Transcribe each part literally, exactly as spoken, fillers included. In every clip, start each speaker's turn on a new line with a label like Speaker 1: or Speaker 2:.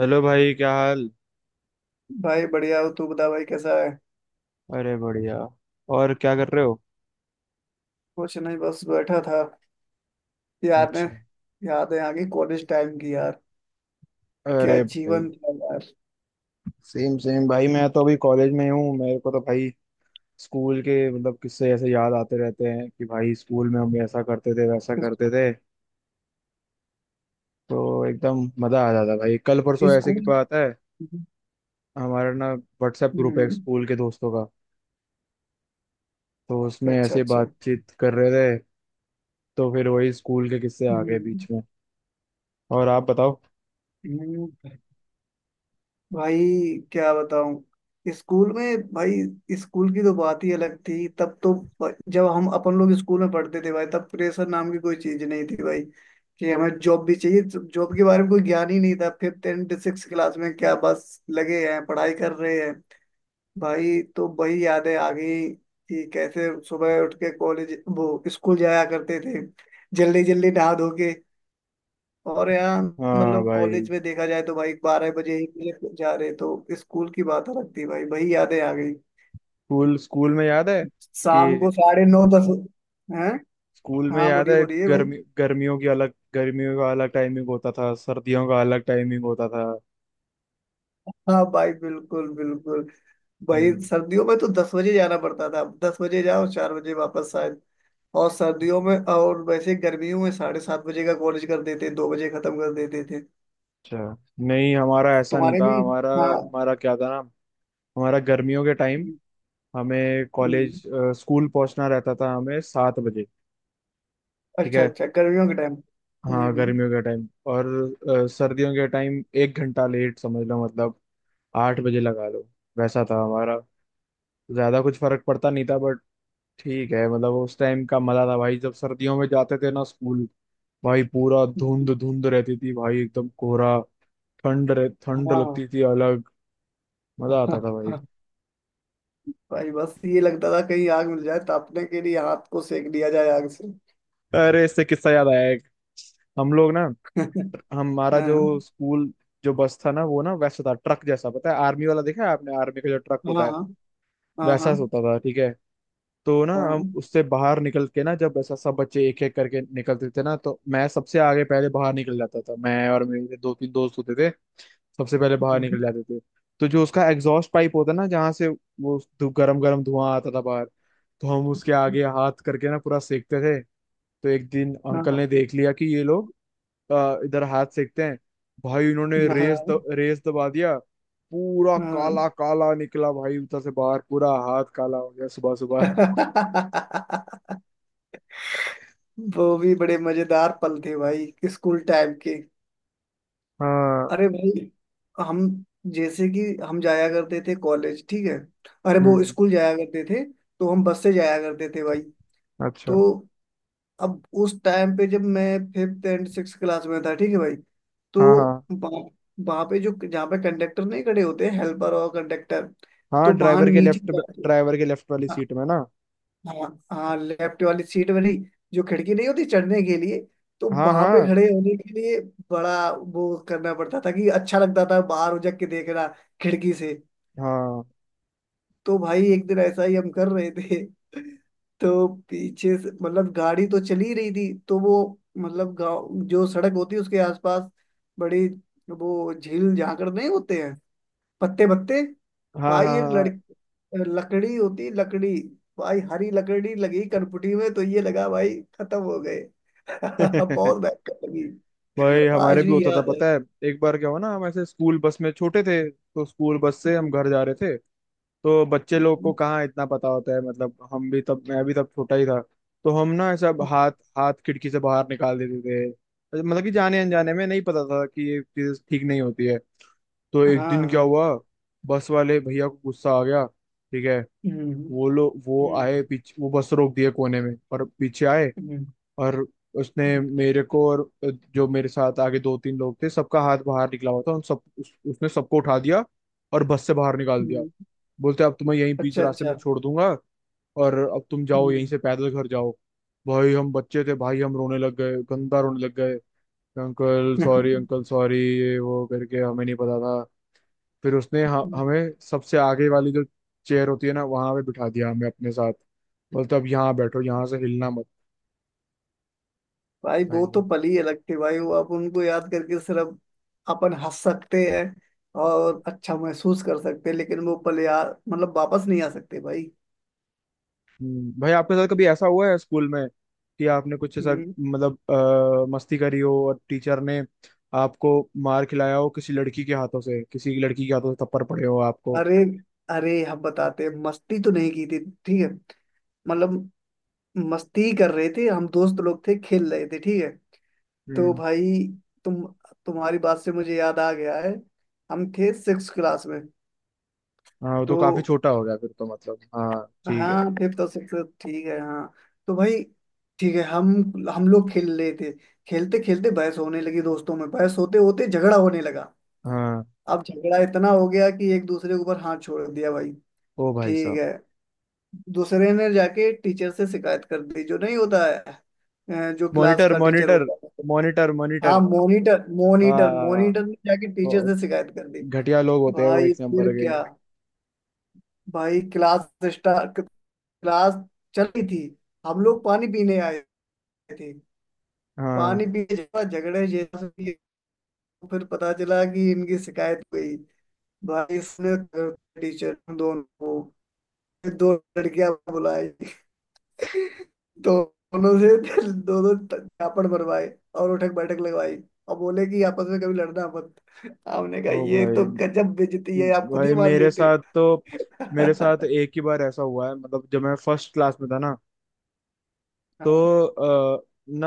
Speaker 1: Hello भाई, क्या हाल।
Speaker 2: भाई बढ़िया हो। तू बता भाई, कैसा है?
Speaker 1: अरे बढ़िया। और क्या कर रहे हो?
Speaker 2: कुछ नहीं, बस बैठा था। यादें
Speaker 1: अच्छा।
Speaker 2: यादें आ गई कॉलेज टाइम की यार। क्या
Speaker 1: अरे भाई,
Speaker 2: जीवन था यार।
Speaker 1: सेम सेम भाई, मैं तो अभी कॉलेज में ही हूँ। मेरे को तो भाई स्कूल के मतलब किस्से ऐसे याद आते रहते हैं कि भाई स्कूल में हम ऐसा करते थे, वैसा
Speaker 2: इस-
Speaker 1: करते थे, तो एकदम मजा आ जाता। भाई कल परसों ऐसे की
Speaker 2: स्कूल।
Speaker 1: बात है।
Speaker 2: हम्म।
Speaker 1: हमारा ना व्हाट्सएप ग्रुप है
Speaker 2: हम्म।
Speaker 1: स्कूल के दोस्तों का, तो उसमें
Speaker 2: अच्छा,
Speaker 1: ऐसे
Speaker 2: अच्छा।
Speaker 1: बातचीत कर रहे थे, तो फिर वही स्कूल के किस्से आ गए बीच
Speaker 2: हम्म।
Speaker 1: में। और आप बताओ।
Speaker 2: हम्म। भाई, क्या बताऊं। स्कूल में भाई, स्कूल की तो बात ही अलग थी तब तो। ब- जब हम अपन लोग स्कूल में पढ़ते थे भाई, तब प्रेशर नाम की कोई चीज नहीं थी भाई। कि हमें जॉब भी चाहिए, जॉब के बारे में कोई ज्ञान ही नहीं था। फिफ्थ एंड सिक्स क्लास में क्या, बस लगे हैं पढ़ाई कर रहे हैं। भाई तो वही यादें आ गई, कि कैसे सुबह उठ के कॉलेज वो स्कूल जाया करते थे, जल्दी जल्दी नहा धो के। और यहाँ
Speaker 1: हाँ
Speaker 2: मतलब
Speaker 1: भाई।
Speaker 2: कॉलेज में देखा जाए तो भाई बारह बजे एक बजे जा रहे, तो स्कूल की बात अलग थी भाई, वही यादें आ गई।
Speaker 1: स्कूल स्कूल में याद है कि
Speaker 2: शाम को साढ़े नौ दस हैं।
Speaker 1: स्कूल में
Speaker 2: हाँ
Speaker 1: याद
Speaker 2: बोलिए
Speaker 1: है
Speaker 2: बोलिए भाई।
Speaker 1: गर्मी गर्मियों की अलग, गर्मियों का अलग टाइमिंग होता था, सर्दियों का अलग टाइमिंग होता था।
Speaker 2: हाँ भाई, बिल्कुल बिल्कुल। भाई
Speaker 1: हम्म,
Speaker 2: सर्दियों में तो दस बजे जाना पड़ता था। दस बजे जाओ, चार बजे वापस शायद। और सर्दियों में, और वैसे गर्मियों में साढ़े सात बजे का कॉलेज कर देते, दो बजे खत्म कर देते थे।
Speaker 1: अच्छा। नहीं, हमारा ऐसा नहीं
Speaker 2: तुम्हारे
Speaker 1: था।
Speaker 2: भी?
Speaker 1: हमारा
Speaker 2: हाँ।
Speaker 1: हमारा क्या था ना, हमारा गर्मियों के टाइम
Speaker 2: हम्म।
Speaker 1: हमें
Speaker 2: हम्म।
Speaker 1: कॉलेज अ, स्कूल पहुंचना रहता था हमें सात बजे। ठीक
Speaker 2: अच्छा
Speaker 1: है।
Speaker 2: अच्छा, गर्मियों के टाइम।
Speaker 1: हाँ
Speaker 2: हम्म।
Speaker 1: गर्मियों के टाइम। और अ, सर्दियों के टाइम एक घंटा लेट समझ लो, मतलब आठ बजे लगा लो। वैसा था हमारा। ज्यादा कुछ फर्क पड़ता नहीं था, बट ठीक है। मतलब उस टाइम का मजा था भाई, जब सर्दियों में जाते थे ना स्कूल। भाई पूरा धुंध
Speaker 2: हम्म।
Speaker 1: धुंध रहती थी भाई, एकदम कोहरा। ठंड रह, ठंड
Speaker 2: हम्म।
Speaker 1: लगती थी अलग। मजा आता था भाई।
Speaker 2: हाँ भाई बस ये लगता था कहीं आग मिल जाए तापने के लिए, हाथ को सेक दिया जाए आग से।
Speaker 1: अरे इससे किस्सा याद आया एक। हम लोग ना, हमारा जो
Speaker 2: हाँ।
Speaker 1: स्कूल, जो बस था ना, वो ना वैसा था ट्रक जैसा, पता है आर्मी वाला, देखा है आपने आर्मी का जो ट्रक
Speaker 2: हाँ।
Speaker 1: होता है,
Speaker 2: हाँ।
Speaker 1: वैसा
Speaker 2: हाँ।
Speaker 1: होता था। ठीक है। तो ना हम
Speaker 2: हाँ।
Speaker 1: उससे बाहर निकल के ना, जब ऐसा सब बच्चे एक एक करके निकलते थे ना, तो मैं सबसे आगे पहले बाहर निकल जाता था, मैं और मेरे दो तीन दोस्त होते थे, सबसे पहले बाहर निकल जाते थे। तो जो उसका एग्जॉस्ट पाइप होता ना, जहाँ से वो धु- गरम गरम धुआं आता था बाहर, तो हम उसके आगे हाथ करके ना पूरा सेकते थे। तो एक दिन अंकल ने
Speaker 2: हाँ।
Speaker 1: देख लिया कि ये लोग अ, इधर हाथ सेकते हैं। भाई उन्होंने रेस द,
Speaker 2: हाँ।
Speaker 1: रेस दबा दिया। पूरा
Speaker 2: हाँ।
Speaker 1: काला काला निकला भाई उधर से बाहर, पूरा हाथ काला हो गया सुबह सुबह।
Speaker 2: वो भी बड़े मजेदार पल थे भाई स्कूल टाइम के।
Speaker 1: हाँ।
Speaker 2: अरे भाई। हम जैसे कि हम जाया करते थे कॉलेज, ठीक है? अरे वो
Speaker 1: हम्म।
Speaker 2: स्कूल जाया करते थे। तो हम बस से जाया करते थे भाई।
Speaker 1: अच्छा।
Speaker 2: तो अब उस टाइम पे जब मैं फिफ्थ एंड सिक्स क्लास में था, ठीक है भाई? तो
Speaker 1: हाँ हाँ
Speaker 2: वहाँ हम्म, वहाँ पे जो जहाँ पे कंडक्टर नहीं खड़े होते, हेल्पर और कंडक्टर।
Speaker 1: हाँ।
Speaker 2: तो वहाँ
Speaker 1: ड्राइवर के
Speaker 2: नीचे
Speaker 1: लेफ्ट
Speaker 2: जा-
Speaker 1: ड्राइवर के लेफ्ट वाली
Speaker 2: हाँ।
Speaker 1: सीट में ना।
Speaker 2: हाँ। हाँ, लेफ्ट वाली सीट वाली, जो खिड़की नहीं होती चढ़ने के लिए। तो
Speaker 1: हाँ
Speaker 2: वहां पे
Speaker 1: हाँ
Speaker 2: खड़े होने के लिए बड़ा वो करना पड़ता था, कि अच्छा लगता था बाहर उजक के देखना खिड़की से।
Speaker 1: हाँ।
Speaker 2: तो भाई एक दिन ऐसा ही हम कर रहे थे तो पीछे से मतलब गाड़ी तो चली ही रही थी, तो वो मतलब गाँव जो सड़क होती है उसके आसपास बड़ी, वो झील झांकड़ नहीं होते हैं, पत्ते पत्ते।
Speaker 1: हाँ हाँ
Speaker 2: भाई एक लड़
Speaker 1: हाँ।
Speaker 2: लकड़ी होती, लकड़ी। भाई हरी लकड़ी लगी कनपटी में, तो ये लगा भाई खत्म हो गए बहुत भयंकर लगी।
Speaker 1: भाई हमारे
Speaker 2: आज
Speaker 1: भी
Speaker 2: भी
Speaker 1: होता था
Speaker 2: याद है
Speaker 1: पता है। एक बार क्या हुआ ना, हम ऐसे स्कूल बस में छोटे थे, तो स्कूल बस से हम
Speaker 2: हम्म।
Speaker 1: घर जा रहे थे। तो बच्चे लोग को
Speaker 2: हम्म।
Speaker 1: कहाँ इतना पता होता है, मतलब हम भी तब, मैं भी तब छोटा ही था। तो हम ना ऐसा हाथ हाथ खिड़की से बाहर निकाल देते थे, मतलब कि जाने
Speaker 2: हम्म।
Speaker 1: अनजाने में, नहीं पता था कि ये चीज ठीक नहीं होती है। तो एक दिन क्या
Speaker 2: हाँ।
Speaker 1: हुआ, बस वाले भैया को गुस्सा आ गया। ठीक है,
Speaker 2: हम्म।
Speaker 1: वो लोग वो
Speaker 2: हम्म।
Speaker 1: आए पीछे, वो बस रोक दिए कोने में और पीछे आए। और उसने
Speaker 2: हम्म।
Speaker 1: मेरे को और जो मेरे साथ आगे दो तीन लोग थे, सबका हाथ बाहर निकला हुआ था, उन सब उस, उसने सबको उठा दिया और बस से बाहर निकाल दिया।
Speaker 2: हम्म।
Speaker 1: बोलते अब तुम्हें यहीं बीच
Speaker 2: अच्छा
Speaker 1: रास्ते
Speaker 2: अच्छा।
Speaker 1: में छोड़ दूंगा, और अब तुम जाओ यहीं
Speaker 2: हम्म।
Speaker 1: से पैदल घर जाओ। भाई हम बच्चे थे भाई, हम रोने लग गए, गंदा रोने लग गए। अंकल सॉरी, अंकल सॉरी, ये वो करके, हमें नहीं पता था। फिर उसने ह-
Speaker 2: हम्म।
Speaker 1: हमें सबसे आगे वाली जो चेयर होती है ना, वहां पे बिठा दिया हमें अपने साथ। बोलते अब यहाँ बैठो, यहाँ से हिलना मत।
Speaker 2: भाई वो तो
Speaker 1: भाई।
Speaker 2: पल ही अलग थे भाई। वो आप उनको याद करके सिर्फ अपन हंस सकते हैं और अच्छा महसूस कर सकते हैं, लेकिन वो पल यार मतलब वापस नहीं आ सकते भाई।
Speaker 1: हम्म, भाई आपके साथ कभी ऐसा हुआ है स्कूल में, कि आपने कुछ ऐसा
Speaker 2: हम्म।
Speaker 1: मतलब अ, मस्ती करी हो और टीचर ने आपको मार खिलाया हो किसी लड़की के हाथों से, किसी लड़की के हाथों से थप्पड़ पड़े हो आपको।
Speaker 2: अरे, अरे हम बताते हैं। मस्ती तो नहीं की थी, ठीक है? मतलब मस्ती कर रहे थे, हम दोस्त लोग थे, खेल रहे थे, ठीक है। तो
Speaker 1: हम्म।
Speaker 2: भाई, तुम तुम्हारी बात से मुझे याद आ गया है। हम थे सिक्स क्लास में।
Speaker 1: हाँ वो तो
Speaker 2: तो
Speaker 1: काफी छोटा हो गया फिर तो, मतलब हाँ ठीक है।
Speaker 2: हाँ, फिफ्थ और सिक्स। ठीक है हाँ। तो भाई ठीक है। हम हम लोग खेल रहे थे। खेलते खेलते बहस होने लगी दोस्तों में। बहस होते होते झगड़ा होने लगा।
Speaker 1: हाँ।
Speaker 2: अब झगड़ा इतना हो गया कि एक दूसरे के ऊपर हाथ छोड़ दिया भाई।
Speaker 1: ओ भाई
Speaker 2: ठीक
Speaker 1: साहब।
Speaker 2: है। दूसरे ने जाके टीचर से शिकायत कर दी, जो नहीं होता है, अ, जो क्लास
Speaker 1: मॉनिटर
Speaker 2: का टीचर
Speaker 1: मॉनिटर।
Speaker 2: होता है।
Speaker 1: मॉनिटर
Speaker 2: हाँ,
Speaker 1: मॉनिटर।
Speaker 2: Monitor monitor.
Speaker 1: हाँ,
Speaker 2: मॉनिटर ने जाके टीचर से शिकायत कर दी।
Speaker 1: घटिया लोग होते हैं वो
Speaker 2: भाई
Speaker 1: एक नंबर
Speaker 2: फिर
Speaker 1: के।
Speaker 2: क्या। भाई क्लास स्टार्ट, क्लास चल रही थी। हम लोग पानी पीने आए थे। पानी
Speaker 1: हाँ।
Speaker 2: पीने के बाद झगड़े जैसा भी, फिर पता चला कि इनकी शिकायत हुई भाई इसने। टीचर दोनों को, फिर दो लड़कियां बुलाई दोनों से दोनों झापड़ भरवाए और उठक बैठक लगवाई। और बोले कि आपस में कभी लड़ना मत। हमने कहा
Speaker 1: ओ
Speaker 2: ये तो
Speaker 1: भाई।
Speaker 2: गजब बेइज्जती है, आप खुद ही
Speaker 1: भाई
Speaker 2: मान
Speaker 1: मेरे
Speaker 2: लेते।
Speaker 1: साथ तो, मेरे
Speaker 2: हाँ।
Speaker 1: साथ एक ही बार ऐसा हुआ है, मतलब जब मैं फर्स्ट क्लास में था ना, तो अ, ना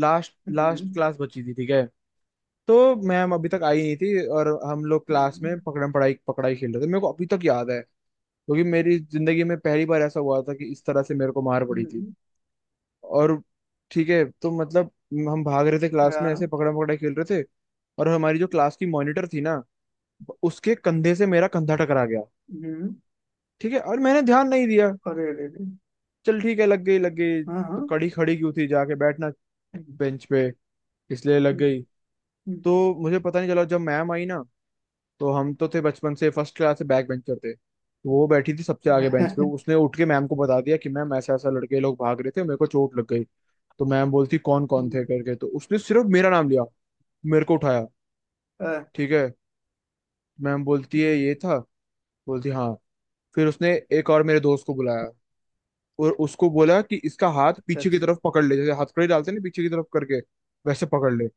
Speaker 1: लास्ट लास्ट
Speaker 2: हम्म।
Speaker 1: क्लास बची थी। ठीक है, तो मैम अभी तक आई नहीं थी और हम लोग क्लास
Speaker 2: हम्म।
Speaker 1: में पकड़म पढ़ाई पकड़ाई खेल रहे थे। मेरे को अभी तक याद है, क्योंकि मेरी जिंदगी में पहली बार ऐसा हुआ था कि इस तरह से मेरे को मार पड़ी थी।
Speaker 2: हम्म।
Speaker 1: और ठीक है तो, मतलब हम भाग रहे थे क्लास में ऐसे
Speaker 2: हाँ।
Speaker 1: पकड़म पकड़ाई खेल रहे थे, और हमारी जो क्लास की मॉनिटर थी ना, उसके कंधे से मेरा कंधा टकरा गया।
Speaker 2: हम्म।
Speaker 1: ठीक है, और मैंने ध्यान नहीं दिया,
Speaker 2: अरे रे रे।
Speaker 1: चल ठीक है लग गई, लग गई
Speaker 2: हाँ
Speaker 1: तो
Speaker 2: हाँ।
Speaker 1: कड़ी खड़ी क्यों थी, जाके बैठना
Speaker 2: हम्म।
Speaker 1: बेंच पे, इसलिए लग
Speaker 2: हम्म।
Speaker 1: गई। तो मुझे पता नहीं चला, जब मैम आई ना, तो हम तो थे बचपन से फर्स्ट क्लास से बैक बेंचर, थे तो वो बैठी थी सबसे आगे बेंच पे,
Speaker 2: हम्म।
Speaker 1: उसने उठ के मैम को बता दिया कि मैम ऐसा ऐसा लड़के लोग भाग रहे थे मेरे को चोट लग गई। तो मैम बोलती कौन कौन थे
Speaker 2: हम्म।
Speaker 1: करके, तो उसने सिर्फ मेरा नाम लिया, मेरे को उठाया।
Speaker 2: अ,
Speaker 1: ठीक है, मैम बोलती है
Speaker 2: हम्म।
Speaker 1: ये था, बोलती हाँ। फिर उसने एक और मेरे दोस्त को बुलाया, और उसको बोला कि इसका हाथ
Speaker 2: अच्छा,
Speaker 1: पीछे की
Speaker 2: अच्छा।
Speaker 1: तरफ पकड़ ले, जैसे हथकड़ी डालते हैं ना पीछे की तरफ करके, वैसे पकड़ ले।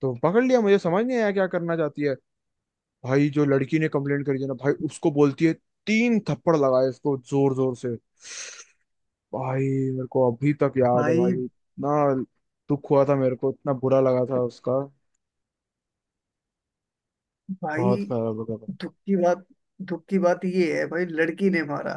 Speaker 1: तो पकड़ लिया, मुझे समझ नहीं आया क्या करना चाहती है। भाई जो लड़की ने कंप्लेंट करी थी ना भाई, उसको बोलती है तीन थप्पड़ लगाए इसको जोर जोर से। भाई मेरे को अभी तक याद है
Speaker 2: भाई।
Speaker 1: भाई, इतना दुख हुआ था मेरे को, इतना बुरा लगा था उसका,
Speaker 2: भाई
Speaker 1: बहुत खराब लगा था।
Speaker 2: दुख की बात, दुख की बात ये है भाई, लड़की ने मारा।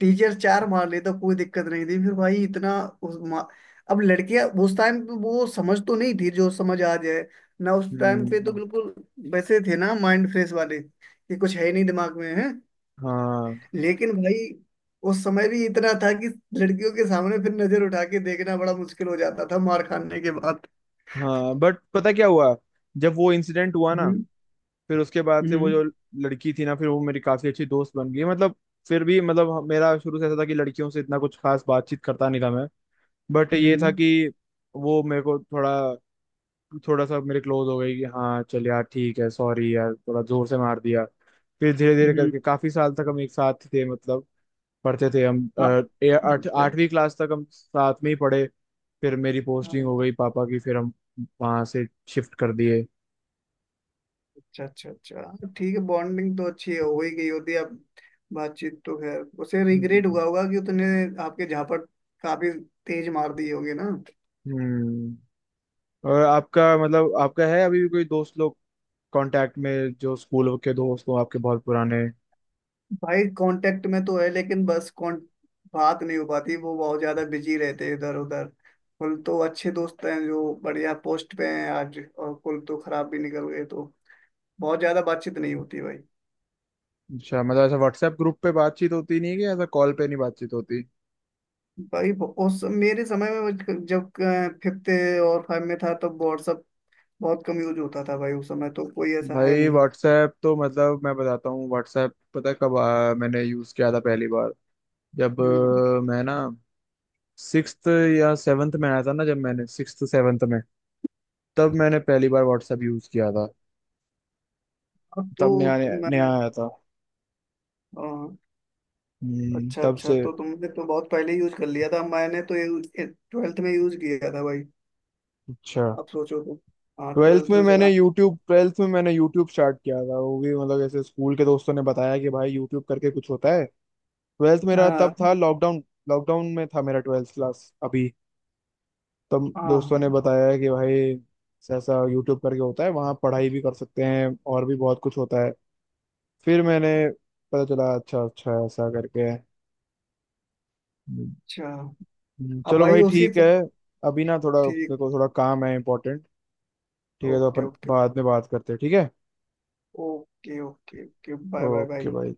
Speaker 2: टीचर चार मार ले तो कोई दिक्कत नहीं थी, फिर भाई इतना। उस मा... अब लड़कियां, उस टाइम पे वो समझ तो नहीं थी जो समझ आ जाए, ना उस टाइम पे तो
Speaker 1: हम्म।
Speaker 2: बिल्कुल वैसे थे ना, माइंड फ्रेश वाले कि कुछ है ही नहीं दिमाग में है।
Speaker 1: हाँ
Speaker 2: लेकिन भाई उस समय भी इतना था कि लड़कियों के सामने फिर नजर उठा के देखना बड़ा मुश्किल हो जाता था मार खाने के बाद।
Speaker 1: हाँ, बट पता क्या हुआ, जब वो इंसिडेंट हुआ ना,
Speaker 2: हम्म।
Speaker 1: फिर उसके बाद से वो
Speaker 2: हम्म।
Speaker 1: जो लड़की थी ना, फिर वो मेरी काफी अच्छी दोस्त बन गई। मतलब फिर भी मतलब हम- मेरा शुरू से ऐसा था कि लड़कियों से इतना कुछ खास बातचीत करता नहीं था मैं, बट ये था
Speaker 2: हम्म।
Speaker 1: कि वो मेरे को थोड़ा, थोड़ा सा मेरे क्लोज हो गई कि हाँ चल यार ठीक है, सॉरी यार थोड़ा जोर से मार दिया। फिर धीरे धीरे
Speaker 2: हम्म।
Speaker 1: करके काफी साल तक हम एक साथ थे। मतलब पढ़ते थे हम,
Speaker 2: हाँ।
Speaker 1: अ, ए- आठ
Speaker 2: अच्छा।
Speaker 1: आठवीं क्लास तक हम साथ में ही पढ़े। फिर मेरी
Speaker 2: हाँ,
Speaker 1: पोस्टिंग हो गई पापा की, फिर हम वहां से शिफ्ट कर दिए।
Speaker 2: अच्छा अच्छा अच्छा हाँ, ठीक है, बॉन्डिंग तो अच्छी है, हो ही गई होती है अब। बातचीत तो खैर, उसे रिग्रेट
Speaker 1: हम्म।
Speaker 2: हुआ होगा कि उसने आपके झापट काफी तेज मार दी होगी ना।
Speaker 1: हम्म। और आपका मतलब आपका है अभी भी कोई दोस्त लोग कांटेक्ट में, जो स्कूल के दोस्त हो आपके बहुत पुराने?
Speaker 2: भाई कांटेक्ट में तो है, लेकिन बस कॉन बात नहीं हो पाती, वो बहुत ज्यादा बिजी रहते हैं इधर उधर। कुल तो अच्छे दोस्त हैं जो बढ़िया पोस्ट पे हैं आज, और कुल तो खराब भी निकल गए तो बहुत ज्यादा बातचीत नहीं होती भाई।
Speaker 1: अच्छा मतलब ऐसा व्हाट्सएप ग्रुप पे बातचीत होती नहीं है, कि ऐसा कॉल पे नहीं बातचीत होती?
Speaker 2: भाई ब- उस मेरे समय में मुझ- जब अ, फिफ्थ और फाइव में था, तब व्हाट्सअप बहुत कम यूज होता था भाई। उस समय तो कोई ऐसा है
Speaker 1: भाई
Speaker 2: नहीं।
Speaker 1: व्हाट्सएप तो मतलब मैं बताता हूँ, व्हाट्सएप पता है कब आ, मैंने यूज़ किया था पहली बार, जब
Speaker 2: हम्म।
Speaker 1: अ, मैं ना सिक्स्थ या सेवन्थ में आया था ना, जब मैंने सिक्स्थ सेवन्थ में, तब मैंने पहली बार व्हाट्सएप यूज़ किया था।
Speaker 2: अब
Speaker 1: तब नया
Speaker 2: तो, तो
Speaker 1: नया
Speaker 2: मैं
Speaker 1: आया था।
Speaker 2: अ,
Speaker 1: हम्म,
Speaker 2: अच्छा
Speaker 1: तब
Speaker 2: अच्छा,
Speaker 1: से।
Speaker 2: तो तुमने तो बहुत पहले यूज कर लिया था, मैंने तो ट्वेल्थ में यूज किया था भाई।
Speaker 1: अच्छा।
Speaker 2: अब सोचो तो। हाँ,
Speaker 1: ट्वेल्थ
Speaker 2: ट्वेल्थ
Speaker 1: में
Speaker 2: में
Speaker 1: मैंने
Speaker 2: चला।
Speaker 1: यूट्यूब ट्वेल्थ में मैंने यूट्यूब स्टार्ट किया था, वो भी मतलब ऐसे स्कूल के दोस्तों ने बताया कि भाई यूट्यूब करके कुछ होता है। ट्वेल्थ मेरा तब
Speaker 2: हाँ
Speaker 1: था लॉकडाउन, लॉकडाउन में था मेरा ट्वेल्थ क्लास अभी। तब
Speaker 2: हाँ
Speaker 1: दोस्तों
Speaker 2: हाँ,
Speaker 1: ने बताया कि भाई ऐसा ऐसा यूट्यूब करके होता है, वहाँ पढ़ाई भी कर सकते हैं और भी बहुत कुछ होता है। फिर मैंने पता चला, अच्छा अच्छा ऐसा करके है। हम्म,
Speaker 2: अच्छा। अब
Speaker 1: चलो
Speaker 2: भाई
Speaker 1: भाई
Speaker 2: उसी
Speaker 1: ठीक है, अभी ना थोड़ा मेरे
Speaker 2: ठीक
Speaker 1: को थोड़ा काम है इंपॉर्टेंट। ठीक है, तो
Speaker 2: ओके
Speaker 1: अपन
Speaker 2: ओके।
Speaker 1: बाद में बात करते हैं, ठीक है।
Speaker 2: Okay okay okay bye bye
Speaker 1: okay
Speaker 2: भाई।
Speaker 1: भाई।